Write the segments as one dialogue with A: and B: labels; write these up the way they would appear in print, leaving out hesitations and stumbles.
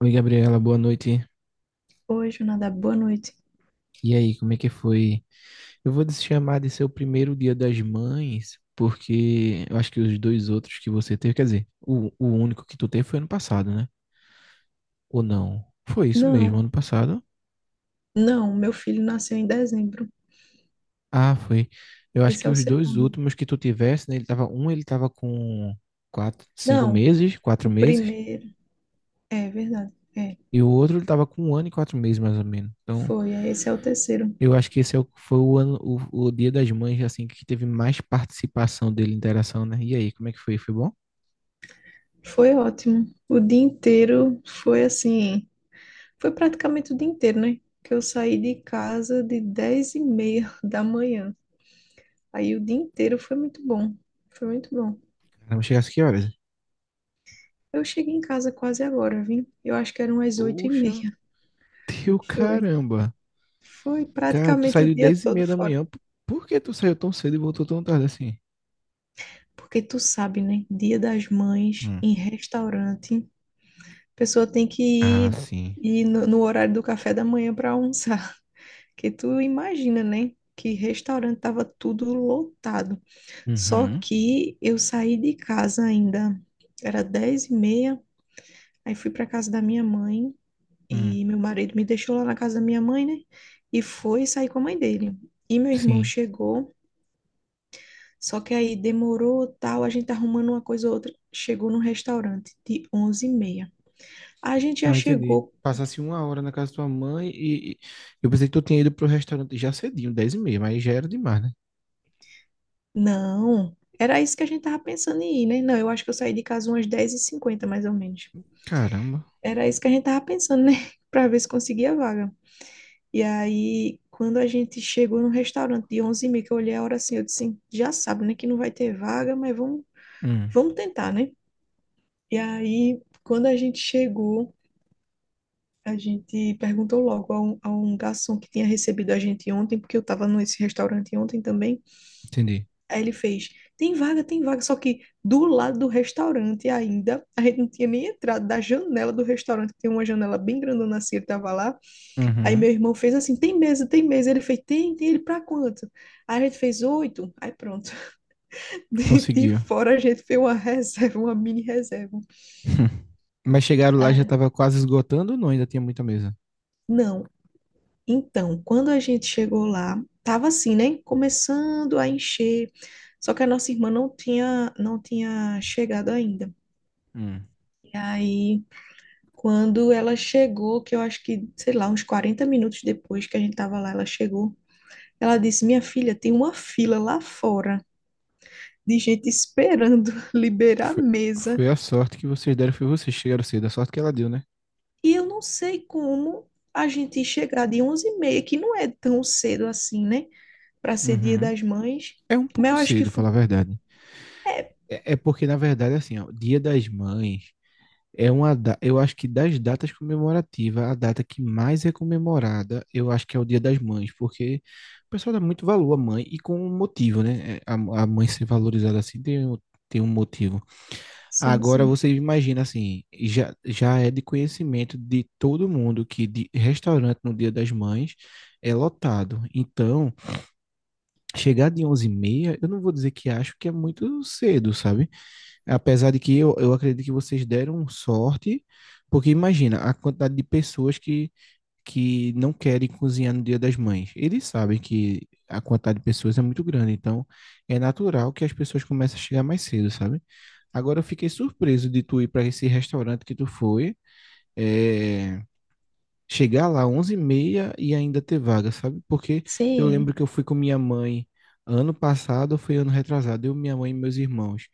A: Oi, Gabriela, boa noite.
B: Oi, Jonadab, boa noite.
A: E aí, como é que foi? Eu vou te chamar de seu primeiro dia das mães, porque eu acho que os dois outros que você teve, quer dizer, o único que tu teve foi ano passado, né? Ou não? Foi isso mesmo,
B: Não,
A: ano passado?
B: não, meu filho nasceu em dezembro.
A: Ah, foi. Eu acho
B: Esse
A: que
B: é o
A: os dois
B: segundo.
A: últimos que tu tivesse, né? Ele tava com quatro, cinco
B: Não,
A: meses, quatro
B: o
A: meses,
B: primeiro. É verdade. É,
A: e o outro ele tava com 1 ano e 4 meses, mais ou menos. Então,
B: foi. Aí esse é o terceiro.
A: eu acho que esse é o, foi o ano, o Dia das Mães, assim, que teve mais participação dele, interação, né? E aí, como é que foi? Foi bom?
B: Foi ótimo. O dia inteiro foi assim. Foi praticamente o dia inteiro, né? Que eu saí de casa de 10h30 da manhã. Aí o dia inteiro foi muito bom. Foi muito bom.
A: Caramba, chegasse que horas?
B: Eu cheguei em casa quase agora, vim. Eu acho que eram as oito e
A: Poxa,
B: meia.
A: teu
B: Foi.
A: caramba.
B: Foi
A: Cara, tu
B: praticamente o
A: saiu
B: dia
A: 10 e
B: todo
A: meia da
B: fora.
A: manhã. Por que tu saiu tão cedo e voltou tão tarde assim?
B: Porque tu sabe, né? Dia das Mães,
A: Hum.
B: em restaurante, a pessoa tem que
A: Ah,
B: ir,
A: sim.
B: ir no horário do café da manhã para almoçar. Que tu imagina, né? Que restaurante tava tudo lotado. Só
A: Uhum.
B: que eu saí de casa ainda, era 10h30, aí fui para casa da minha mãe
A: Hum.
B: e meu marido me deixou lá na casa da minha mãe, né? E foi sair com a mãe dele. E meu irmão
A: Sim.
B: chegou. Só que aí demorou, tal, a gente arrumando uma coisa ou outra. Chegou no restaurante de 11h30. A gente já
A: Ah, entendi.
B: chegou.
A: Passasse 1 hora na casa da tua mãe e, eu pensei que tu tinha ido pro restaurante já cedinho, 10:30, mas já era demais, né?
B: Não, era isso que a gente tava pensando em ir, né? Não, eu acho que eu saí de casa umas 10h50 mais ou menos.
A: Caramba.
B: Era isso que a gente tava pensando, né? Pra ver se conseguia a vaga. E aí, quando a gente chegou no restaurante de 11h30, que eu olhei a hora assim, eu disse, assim, já sabe, né, que não vai ter vaga, mas vamos,
A: Hum,
B: vamos tentar, né? E aí, quando a gente chegou, a gente perguntou logo a um garçom que tinha recebido a gente ontem, porque eu estava nesse restaurante ontem também.
A: Entendi.
B: Aí ele fez: tem vaga, tem vaga. Só que do lado do restaurante ainda, a gente não tinha nem entrado da janela do restaurante, que tem uma janela bem grandona assim, ele estava lá. Aí
A: Uhum.
B: meu irmão fez assim: tem mesa, tem mesa. Ele fez: tem, tem. Ele pra quanto? Aí a gente fez oito. Aí pronto. De
A: Conseguiu.
B: fora a gente fez uma reserva, uma mini reserva.
A: Hum. Mas chegaram lá já
B: Ah,
A: tava quase esgotando ou não? Ainda tinha muita mesa?
B: não. Então, quando a gente chegou lá, tava assim, né? Começando a encher. Só que a nossa irmã não tinha chegado ainda.
A: Hum.
B: E aí, quando ela chegou, que eu acho que, sei lá, uns 40 minutos depois que a gente tava lá, ela chegou. Ela disse: Minha filha, tem uma fila lá fora de gente esperando liberar a
A: Foi,
B: mesa.
A: foi a sorte que vocês deram, foi vocês que chegaram cedo, a sorte que ela deu, né?
B: E eu não sei como a gente chegar de 11h30, que não é tão cedo assim, né? Para ser Dia
A: Uhum.
B: das Mães.
A: É um
B: Mas
A: pouco
B: eu acho que
A: cedo,
B: foi.
A: falar a verdade. É porque, na verdade, assim, ó, Dia das Mães eu acho que das datas comemorativas, a data que mais é comemorada, eu acho que é o Dia das Mães, porque o pessoal dá muito valor à mãe e com um motivo, né? É, a mãe ser valorizada assim tem um motivo.
B: Sim,
A: Agora
B: sim.
A: você imagina assim, já é de conhecimento de todo mundo que de restaurante no Dia das Mães é lotado. Então, chegar de 11:30 eu não vou dizer que acho que é muito cedo, sabe? Apesar de que eu acredito que vocês deram sorte, porque imagina a quantidade de pessoas que não querem cozinhar no Dia das Mães. Eles sabem que a quantidade de pessoas é muito grande, então é natural que as pessoas comecem a chegar mais cedo, sabe? Agora eu fiquei surpreso de tu ir para esse restaurante que tu foi. É, chegar lá 11:30 e ainda ter vaga, sabe? Porque eu lembro que
B: Sim,
A: eu fui com minha mãe ano passado, ou foi ano retrasado, eu, minha mãe e meus irmãos.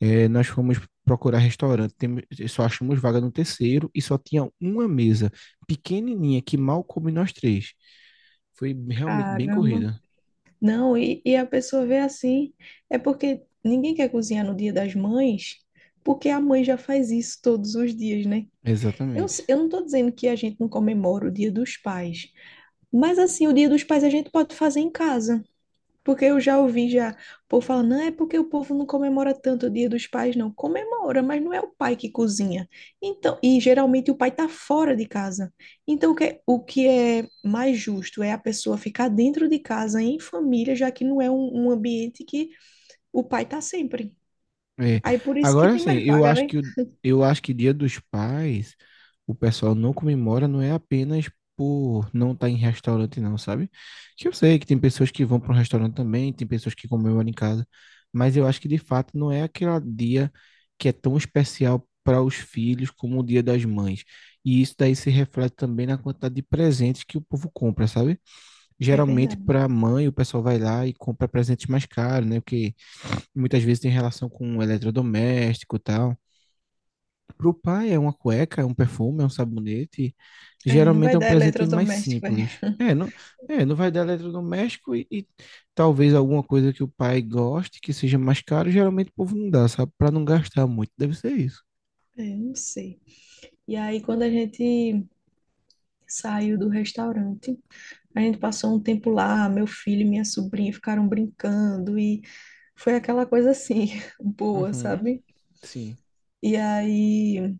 A: Nós fomos procurar só achamos vaga no terceiro e só tinha uma mesa pequenininha que mal coube nós três. Foi realmente bem
B: caramba.
A: corrida.
B: Não, e a pessoa vê assim, é porque ninguém quer cozinhar no Dia das Mães, porque a mãe já faz isso todos os dias, né? Eu, s-
A: Exatamente.
B: eu não estou dizendo que a gente não comemora o Dia dos Pais, mas assim, o Dia dos Pais a gente pode fazer em casa. Porque eu já ouvi já, o povo falando, não é porque o povo não comemora tanto o Dia dos Pais, não. Comemora, mas não é o pai que cozinha. Então, e geralmente o pai está fora de casa. Então, o que é mais justo é a pessoa ficar dentro de casa, em família, já que não é um ambiente que o pai está sempre.
A: É.
B: Aí por isso que
A: Agora
B: tem
A: sim,
B: mais
A: eu
B: vaga,
A: acho
B: né?
A: que o- eu acho que Dia dos Pais, o pessoal não comemora, não é apenas por não estar em restaurante, não, sabe? Que eu sei que tem pessoas que vão para um restaurante também, tem pessoas que comemoram em casa, mas eu acho que de fato não é aquele dia que é tão especial para os filhos como o Dia das Mães. E isso daí se reflete também na quantidade de presentes que o povo compra, sabe?
B: É
A: Geralmente
B: verdade.
A: para a mãe, o pessoal vai lá e compra presentes mais caros, né? Porque muitas vezes tem relação com eletrodoméstico e tal. Pro pai é uma cueca, é um perfume, é um sabonete.
B: É, não
A: Geralmente
B: vai
A: é um
B: dar
A: presente mais
B: eletrodoméstico, é.
A: simples. É, não, não vai dar eletrodoméstico e talvez alguma coisa que o pai goste, que seja mais caro, geralmente o povo não dá, sabe? Para não gastar muito. Deve ser isso.
B: É, não sei. E aí, quando a gente saiu do restaurante, a gente passou um tempo lá, meu filho e minha sobrinha ficaram brincando e foi aquela coisa assim, boa,
A: Uhum,
B: sabe?
A: sim,
B: E aí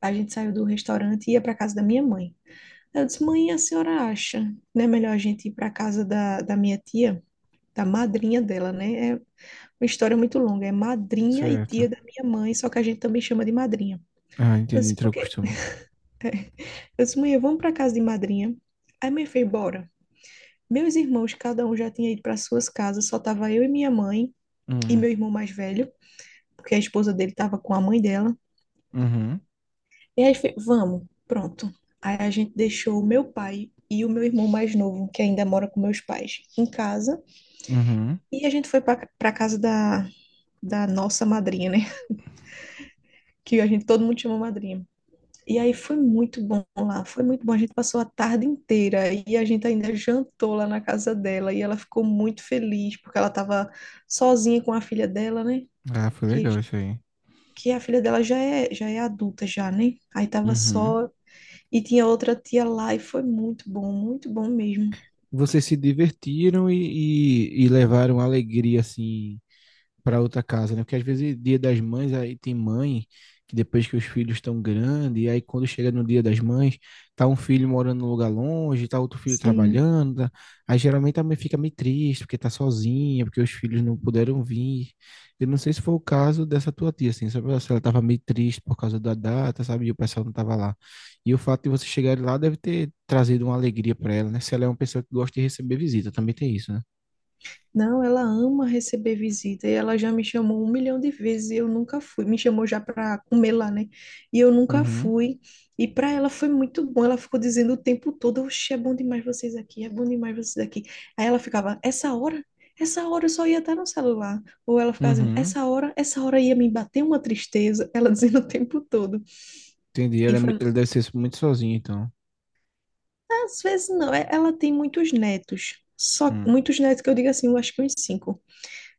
B: a gente saiu do restaurante e ia para casa da minha mãe. Eu disse, mãe, a senhora acha, né, melhor a gente ir para casa da minha tia, da madrinha dela, né? É uma história muito longa, é madrinha e
A: certo.
B: tia da minha mãe, só que a gente também chama de madrinha.
A: Ah,
B: Eu
A: entendi,
B: disse,
A: entrou
B: porque
A: costume.
B: eu disse, mãe, vamos para casa de madrinha. Aí minha filha, bora. Meus irmãos, cada um já tinha ido para suas casas, só tava eu e minha mãe. E
A: Uhum,
B: meu irmão mais velho, porque a esposa dele estava com a mãe dela.
A: uhum,
B: E aí foi, vamos, pronto. Aí a gente deixou o meu pai e o meu irmão mais novo, que ainda mora com meus pais, em casa.
A: uhum.
B: E a gente foi para a casa da nossa madrinha, né? Que a gente todo mundo chama madrinha. E aí foi muito bom lá, foi muito bom. A gente passou a tarde inteira e a gente ainda jantou lá na casa dela e ela ficou muito feliz porque ela estava sozinha com a filha dela, né?
A: Ah, foi
B: Que
A: legal isso aí.
B: que a filha dela já é adulta já, né? Aí tava
A: Uhum.
B: só e tinha outra tia lá e foi muito bom mesmo.
A: Vocês se divertiram e levaram alegria, assim, para outra casa, né? Porque às vezes dia das mães aí tem mãe que depois que os filhos estão grandes, e aí quando chega no dia das mães, tá um filho morando num lugar longe, tá outro filho
B: Sim.
A: trabalhando, aí geralmente a mãe fica meio triste porque tá sozinha, porque os filhos não puderam vir. Eu não sei se foi o caso dessa tua tia, assim, sabe? Se ela tava meio triste por causa da data, sabe? E o pessoal não tava lá. E o fato de você chegar lá deve ter trazido uma alegria para ela, né? Se ela é uma pessoa que gosta de receber visita, também tem isso, né?
B: Não, ela ama receber visita e ela já me chamou um milhão de vezes e eu nunca fui. Me chamou já para comer lá, né? E eu nunca
A: Uhum.
B: fui. E para ela foi muito bom. Ela ficou dizendo o tempo todo: Oxe, é bom demais vocês aqui, é bom demais vocês aqui. Aí ela ficava: Essa hora? Essa hora eu só ia estar no celular. Ou ela ficava dizendo:
A: Uhum.
B: Essa hora? Essa hora ia me bater uma tristeza. Ela dizendo o tempo todo.
A: Entendi.
B: E
A: Ele, é
B: foi,
A: muito, ele deve ser muito sozinho, então.
B: às vezes não, ela tem muitos netos. Só
A: Hum,
B: muitos netos que eu digo assim, eu acho que uns cinco.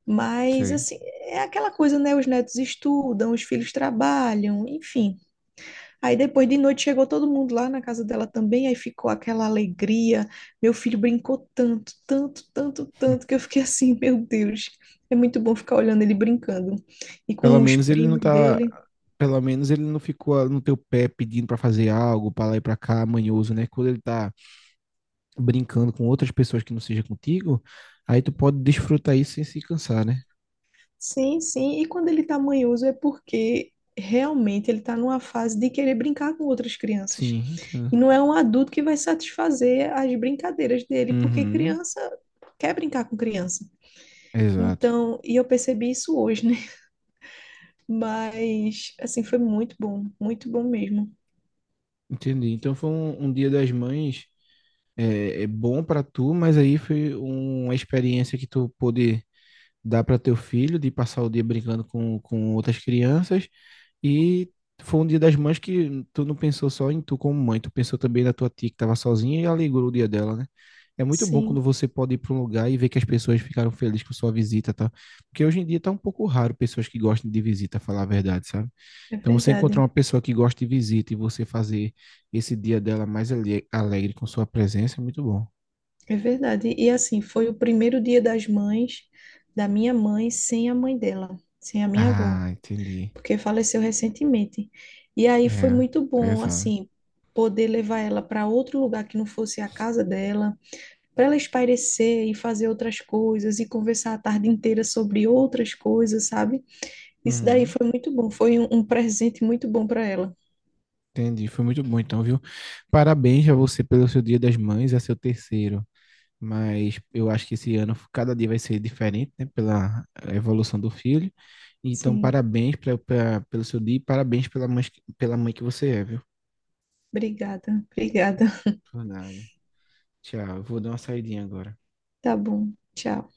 B: Mas
A: Sei.
B: assim, é aquela coisa, né? Os netos estudam, os filhos trabalham, enfim. Aí depois de noite chegou todo mundo lá na casa dela também, aí ficou aquela alegria. Meu filho brincou tanto, tanto, tanto,
A: Hum.
B: tanto, que eu fiquei assim, meu Deus, é muito bom ficar olhando ele brincando. E
A: Pelo
B: com os
A: menos ele não
B: primos
A: tá.
B: dele.
A: Pelo menos ele não ficou no teu pé pedindo pra fazer algo, pra lá e pra cá, manhoso, né? Quando ele tá brincando com outras pessoas que não seja contigo, aí tu pode desfrutar isso sem se cansar, né?
B: Sim, sim. E quando ele está manhoso é porque realmente ele está numa fase de querer brincar com outras crianças.
A: Sim, entendo.
B: E não é um adulto que vai satisfazer as brincadeiras dele, porque
A: Uhum,
B: criança quer brincar com criança.
A: exato.
B: Então, e eu percebi isso hoje, né? Mas, assim, foi muito bom mesmo.
A: Entendi. Então foi um Dia das Mães é bom pra tu, mas aí foi uma experiência que tu pôde dá para teu filho de passar o dia brincando com outras crianças e foi um dia das mães que tu não pensou só em tu como mãe, tu pensou também na tua tia que estava sozinha e alegrou o dia dela, né? É muito bom quando
B: Sim,
A: você pode ir para um lugar e ver que as pessoas ficaram felizes com sua visita, tá? Porque hoje em dia tá um pouco raro pessoas que gostem de visita, falar a verdade, sabe?
B: é
A: Então você encontrar
B: verdade,
A: uma pessoa que gosta de visita e você fazer esse dia dela alegre com sua presença é muito bom.
B: é verdade. E assim, foi o primeiro Dia das Mães da minha mãe, sem a mãe dela, sem a minha avó.
A: Ah, entendi.
B: Porque faleceu recentemente. E aí foi
A: É,
B: muito bom,
A: pesado.
B: assim, poder levar ela para outro lugar que não fosse a casa dela, para ela espairecer e fazer outras coisas e conversar a tarde inteira sobre outras coisas, sabe? Isso daí
A: Uhum.
B: foi muito bom, foi um presente muito bom para ela.
A: Entendi, foi muito bom então, viu? Parabéns a você pelo seu Dia das Mães, é seu terceiro, mas eu acho que esse ano cada dia vai ser diferente, né, pela evolução do filho. Então,
B: Sim,
A: parabéns pelo seu dia e parabéns pela mãe que você é, viu?
B: obrigada, obrigada.
A: Por nada. Tchau, eu vou dar uma saidinha agora.
B: Tá bom, tchau.